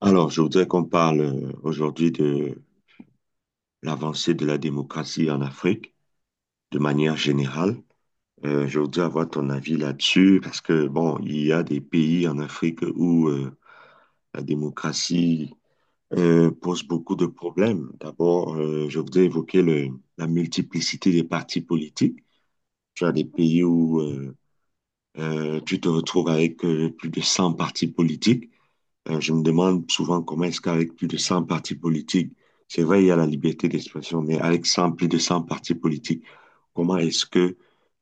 Alors, je voudrais qu'on parle aujourd'hui de l'avancée de la démocratie en Afrique de manière générale. Je voudrais avoir ton avis là-dessus parce que, bon, il y a des pays en Afrique où la démocratie pose beaucoup de problèmes. D'abord, je voudrais la multiplicité des partis politiques. Tu as des pays où tu te retrouves avec plus de 100 partis politiques. Je me demande souvent comment est-ce qu'avec plus de 100 partis politiques, c'est vrai, il y a la liberté d'expression, mais avec 100 plus de 100 partis politiques, comment est-ce que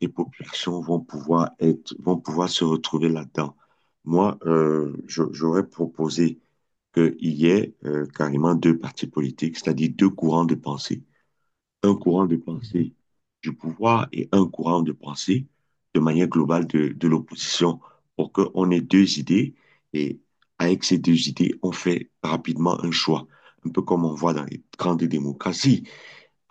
les populations vont pouvoir être, vont pouvoir se retrouver là-dedans? Moi, j'aurais proposé qu'il y ait carrément deux partis politiques, c'est-à-dire deux courants de pensée, un courant de Mhm. pensée du pouvoir et un courant de pensée de manière globale de l'opposition, pour qu'on ait deux idées, et avec ces deux idées, on fait rapidement un choix. Un peu comme on voit dans les grandes démocraties.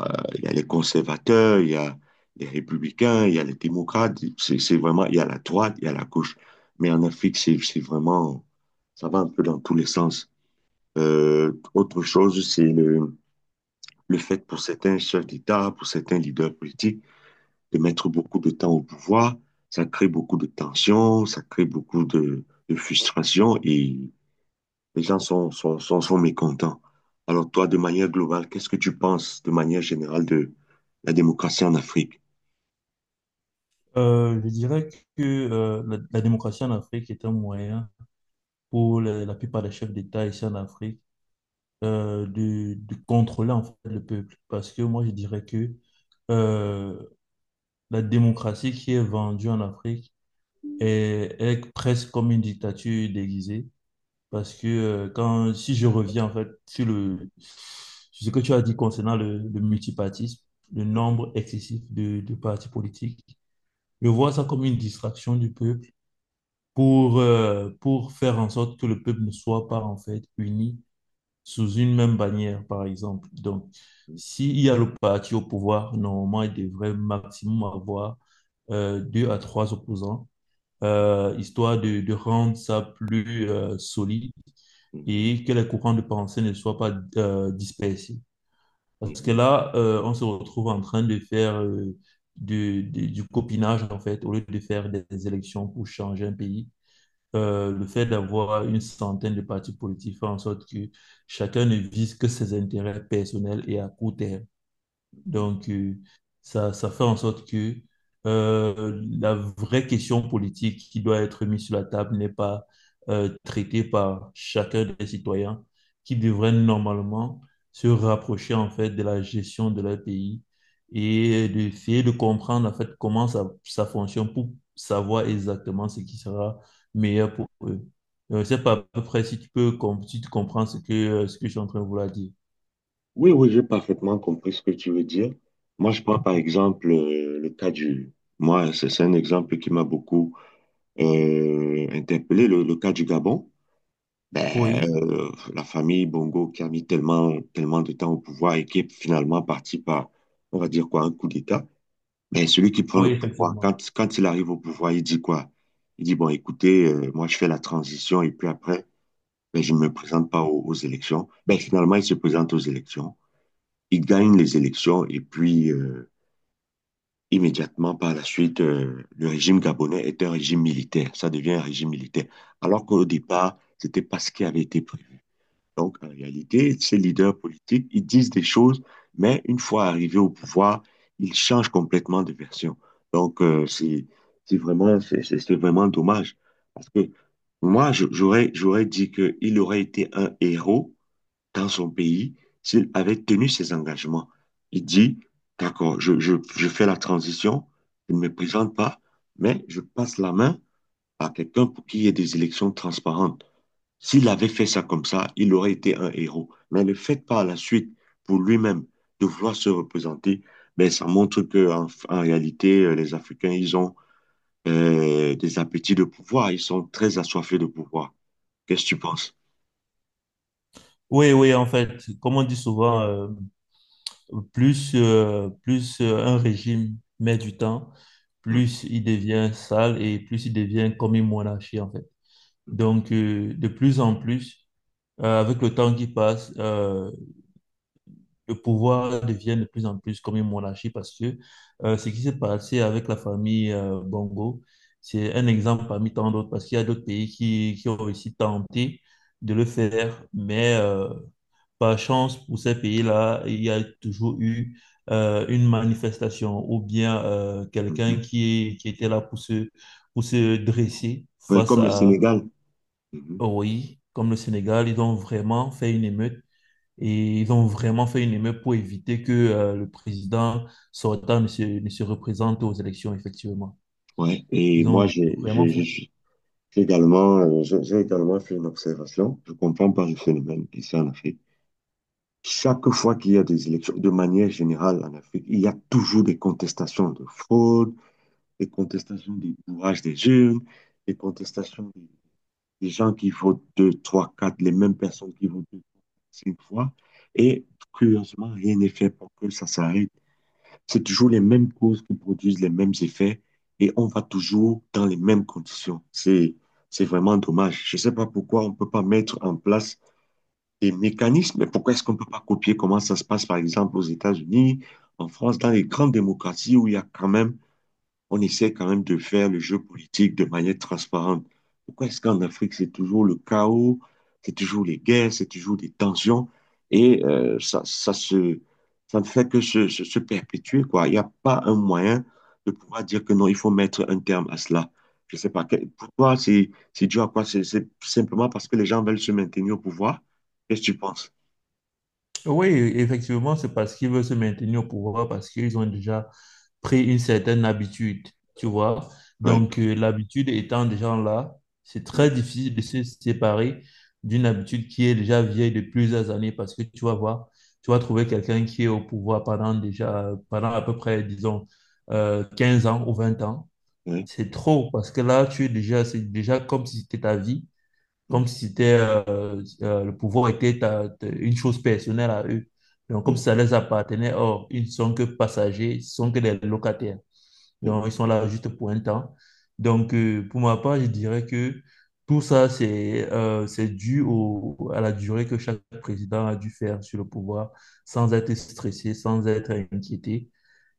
Il y a les conservateurs, il y a les républicains, il y a les démocrates. C'est vraiment, il y a la droite, il y a la gauche. Mais en Afrique, c'est vraiment, ça va un peu dans tous les sens. Autre chose, c'est le fait pour certains chefs d'État, pour certains leaders politiques, de mettre beaucoup de temps au pouvoir, ça crée beaucoup de tensions, ça crée beaucoup de frustration, et les gens sont mécontents. Alors toi, de manière globale, qu'est-ce que tu penses de manière générale de la démocratie en Afrique? Je dirais que la, la démocratie en Afrique est un moyen pour la plupart des chefs d'État ici en Afrique, de contrôler en fait le peuple. Parce que moi, je dirais que euh, la démocratie qui est vendue en Afrique est presque comme une dictature déguisée. Parce que si je reviens en fait sur sur ce que tu as dit concernant le multipartisme, le nombre excessif de partis politiques, je vois ça comme une distraction du peuple pour faire en sorte que le peuple ne soit pas en fait uni sous une même bannière, par exemple. Donc, s'il y a le parti au pouvoir, normalement, il devrait maximum avoir deux à trois opposants, histoire de rendre ça plus solide, Mhm, et que les courants de pensée ne soient pas dispersés. Parce que mhm. là, on se retrouve en train de faire du copinage, en fait, au lieu de faire des élections pour changer un pays. Le fait d'avoir une centaine de partis politiques fait en sorte que chacun ne vise que ses intérêts personnels et à court terme. Donc, ça fait en sorte que la vraie question politique qui doit être mise sur la table n'est pas traitée par chacun des citoyens qui devraient normalement se rapprocher en fait de la gestion de leur pays et d'essayer de comprendre en fait comment ça fonctionne pour savoir exactement ce qui sera meilleur pour eux. Je sais pas à peu près si tu peux si tu comprends ce que je suis en train de vouloir dire. Oui, oui, j'ai parfaitement compris ce que tu veux dire. Moi, je prends par exemple le cas du... Moi, c'est un exemple qui m'a beaucoup interpellé, le cas du Gabon. Ben, Oui, la famille Bongo qui a mis tellement, tellement de temps au pouvoir et qui est finalement parti par, on va dire quoi, un coup d'État. Mais celui qui prend oui, le pouvoir, effectivement. Quand il arrive au pouvoir, il dit quoi? Il dit, bon, écoutez, moi je fais la transition et puis après, ben, je ne me présente pas aux élections. Ben, finalement, il se présente aux élections. Il gagne les élections et puis immédiatement par la suite, le régime gabonais est un régime militaire. Ça devient un régime militaire. Alors qu'au départ, c'était pas ce qui avait été prévu. Donc, en réalité, ces leaders politiques, ils disent des choses, mais une fois arrivés au pouvoir, ils changent complètement de version. Donc, c'est vraiment dommage. Parce que moi, j'aurais dit qu'il aurait été un héros dans son pays s'il avait tenu ses engagements. Il dit, d'accord, je fais la transition, je ne me présente pas, mais je passe la main à quelqu'un pour qu'il y ait des élections transparentes. S'il avait fait ça comme ça, il aurait été un héros. Mais le fait par la suite, pour lui-même, de vouloir se représenter, ben, ça montre que en réalité, les Africains, ils ont des appétits de pouvoir. Ils sont très assoiffés de pouvoir. Qu'est-ce que tu penses? Oui, oui, en fait, comme on dit souvent, plus un régime met du temps, Mhm, plus il devient sale et plus il devient comme une monarchie, en fait. mhm, Donc, de plus en plus, avec le temps qui passe, le pouvoir devient de plus en plus comme une monarchie parce que ce qui s'est passé avec la famille Bongo, c'est un exemple parmi tant d'autres parce qu'il y a d'autres pays qui ont aussi tenté de le faire, mais... par chance, pour ces pays-là, il y a toujours eu une manifestation ou bien quelqu'un mhm. Qui était là pour se dresser Ouais, face comme le à, Sénégal. Mhm. oui, comme le Sénégal, ils ont vraiment fait une émeute et ils ont vraiment fait une émeute pour éviter que le président sortant ne se, ne se représente aux élections, effectivement. Ouais. Et Ils moi, ont vraiment fait. J'ai également, j'ai également fait une observation. Je comprends pas le phénomène ici en Afrique. Chaque fois qu'il y a des élections, de manière générale en Afrique, il y a toujours des contestations de fraude, des contestations du bourrage des jeunes, des contestations des gens qui votent deux, trois, quatre, les mêmes personnes qui votent deux, cinq fois. Et curieusement, rien n'est fait pour que ça s'arrête. C'est toujours les mêmes causes qui produisent les mêmes effets et on va toujours dans les mêmes conditions. C'est vraiment dommage. Je ne sais pas pourquoi on ne peut pas mettre en place des mécanismes. Pourquoi est-ce qu'on ne peut pas copier comment ça se passe, par exemple, aux États-Unis, en France, dans les grandes démocraties où il y a quand même, on essaie quand même de faire le jeu politique de manière transparente. Pourquoi est-ce qu'en Afrique, c'est toujours le chaos, c'est toujours les guerres, c'est toujours des tensions, et ça ne fait que se perpétuer, quoi. Il n'y a pas un moyen de pouvoir dire que non, il faut mettre un terme à cela. Je ne sais pas, pour toi, c'est dû à quoi? C'est simplement parce que les gens veulent se maintenir au pouvoir? Qu'est-ce que tu penses? Oui, effectivement, c'est parce qu'ils veulent se maintenir au pouvoir, parce qu'ils ont déjà pris une certaine habitude, tu vois. Oui, Donc, l'habitude étant déjà là, c'est oui, très difficile de se séparer d'une habitude qui est déjà vieille de plusieurs années, parce que tu vas voir, tu vas trouver quelqu'un qui est au pouvoir pendant déjà, pendant à peu près, disons, 15 ans ou 20 ans. oui, C'est trop, parce que là, tu es déjà, c'est déjà comme si c'était ta vie, comme si c'était le pouvoir était une chose personnelle à eux. Donc, comme si oui, ça les appartenait, or, ils ne sont que passagers, ils ne sont que des locataires. oui. Donc, ils sont là juste pour un temps. Donc, pour ma part, je dirais que tout ça, c'est dû au, à la durée que chaque président a dû faire sur le pouvoir sans être stressé, sans être inquiété.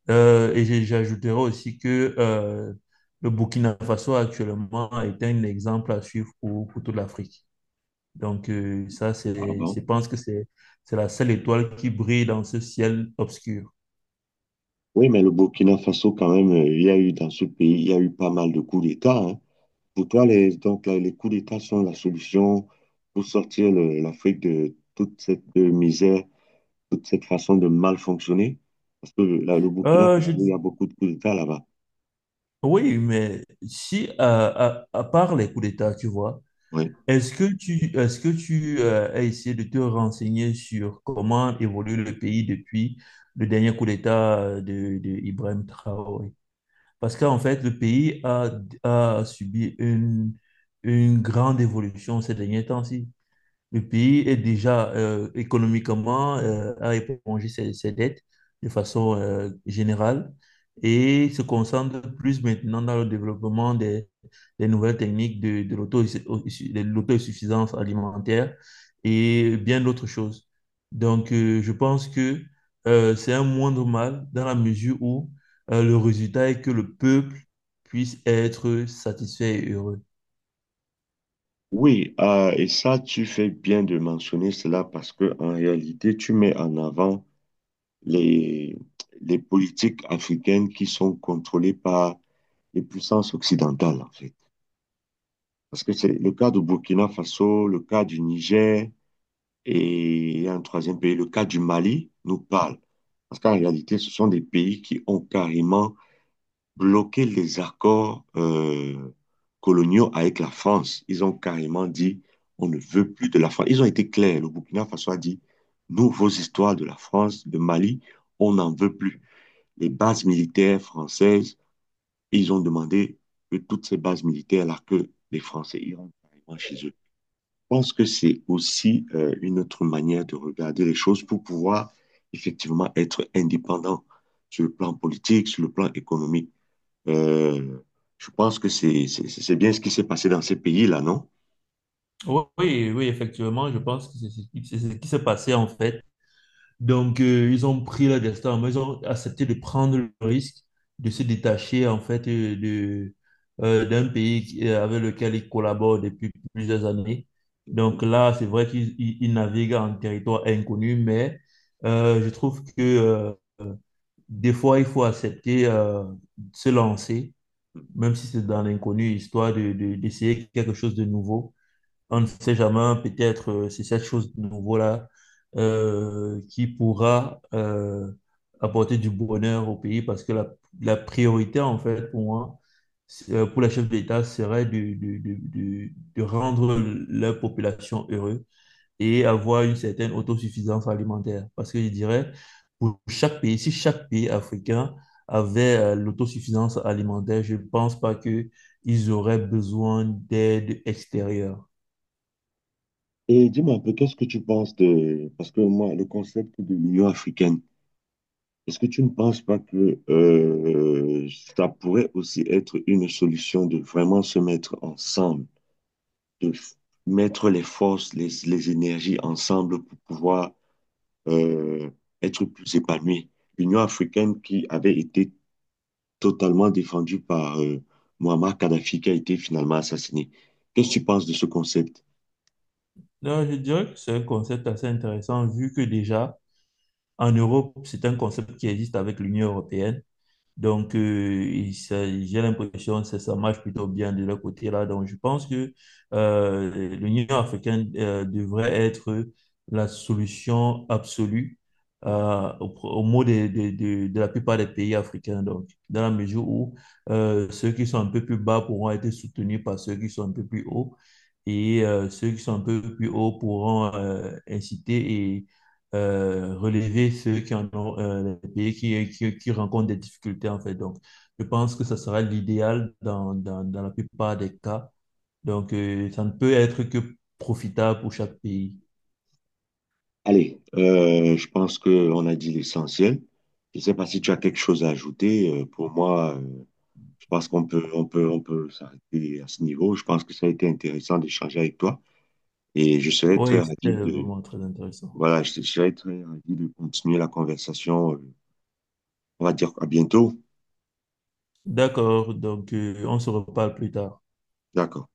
J'ajouterais aussi que le Burkina Faso actuellement est un exemple à suivre pour toute l'Afrique. Donc, ça, Ah c'est, je bon? pense que c'est la seule étoile qui brille dans ce ciel obscur. Oui, mais le Burkina Faso, quand même, il y a eu dans ce pays, il y a eu pas mal de coups d'État, hein. Pour toi, les, donc, là, les coups d'État sont la solution pour sortir l'Afrique de toute cette misère, toute cette façon de mal fonctionner? Parce que là, le Burkina Euh, Faso, je il y dis- a beaucoup de coups d'État là-bas. oui, mais si, à part les coups d'État, tu vois, Oui, est-ce que tu as essayé de te renseigner sur comment évolue le pays depuis le dernier coup d'État de Ibrahim Traoré? Parce qu'en fait, a subi une grande évolution ces derniers temps-ci. Le pays est déjà économiquement à éponger ses dettes de façon générale et se concentre plus maintenant dans le développement des nouvelles techniques de l'auto, de l'autosuffisance alimentaire et bien d'autres choses. Donc, je pense que c'est un moindre mal dans la mesure où le résultat est que le peuple puisse être satisfait et heureux. oui et ça, tu fais bien de mentionner cela parce que en réalité, tu mets en avant les, les politiques africaines qui sont contrôlées par les puissances occidentales. Parce que c'est le cas du Burkina Faso, le cas du Niger, et il y a un troisième pays, le cas du Mali, nous parle. Parce qu'en réalité, ce sont des pays qui ont carrément bloqué les accords coloniaux avec la France. Ils ont carrément dit, on ne veut plus de la France. Ils ont été clairs. Le Burkina Faso a dit, nous, vos histoires de la France, de Mali, on n'en veut plus. Les bases militaires françaises, ils ont demandé que toutes ces bases militaires-là, que les Français iront carrément chez eux. Pense que c'est aussi une autre manière de regarder les choses pour pouvoir effectivement être indépendant sur le plan politique, sur le plan économique. Euh, je pense que c'est bien ce qui s'est passé dans ces pays-là, non? Oui, oui, oui, effectivement, je pense que c'est ce qui s'est passé en fait. Donc, ils ont pris leur destin en main, ils ont accepté de prendre le risque de se détacher en fait d'un pays avec lequel ils collaborent depuis plusieurs années. Donc là, c'est vrai ils naviguent en territoire inconnu, mais je trouve que des fois, il faut accepter de se lancer, même si c'est dans l'inconnu, histoire d'essayer quelque chose de nouveau. On ne sait jamais, peut-être c'est cette chose de nouveau-là qui pourra apporter du bonheur au pays parce que la priorité, en fait, pour moi, pour les chefs d'État, serait de rendre la population heureuse et avoir une certaine autosuffisance alimentaire. Parce que je dirais, pour chaque pays, si chaque pays africain avait l'autosuffisance alimentaire, je ne pense pas que ils auraient besoin d'aide extérieure. Et dis-moi un peu, qu'est-ce que tu penses de... Parce que moi, le concept de l'Union africaine, est-ce que tu ne penses pas que ça pourrait aussi être une solution de vraiment se mettre ensemble? de f- Mettre les forces, les énergies ensemble pour pouvoir euh, être plus épanoui. L'Union africaine qui avait été totalement défendue par Muammar Kadhafi qui a été finalement assassiné. Qu'est-ce que tu penses de ce concept? Donc, je dirais que c'est un concept assez intéressant vu que déjà en Europe, c'est un concept qui existe avec l'Union européenne. Donc, j'ai l'impression que ça marche plutôt bien de leur côté là. Donc, je pense que euh, l'Union africaine devrait être la solution absolue au mot de la plupart des pays africains. Donc, dans la mesure où ceux qui sont un peu plus bas pourront être soutenus par ceux qui sont un peu plus hauts et ceux qui sont un peu plus hauts pourront inciter et relever ceux qui en ont, les pays qui rencontrent des difficultés, en fait. Donc, je pense que ça sera l'idéal dans, dans, dans la plupart des cas. Donc, ça ne peut être que profitable pour chaque pays. Allez, je pense qu'on a dit l'essentiel. Je ne sais pas si tu as quelque chose à ajouter. Pour moi, je pense qu'on peut s'arrêter à ce niveau. Je pense que ça a été intéressant d'échanger avec toi et je serais Oui, très c'était ravi de... vraiment très intéressant. Voilà, je serais très ravi de continuer la conversation. On va dire à bientôt. D'accord, donc on se reparle plus tard. D'accord.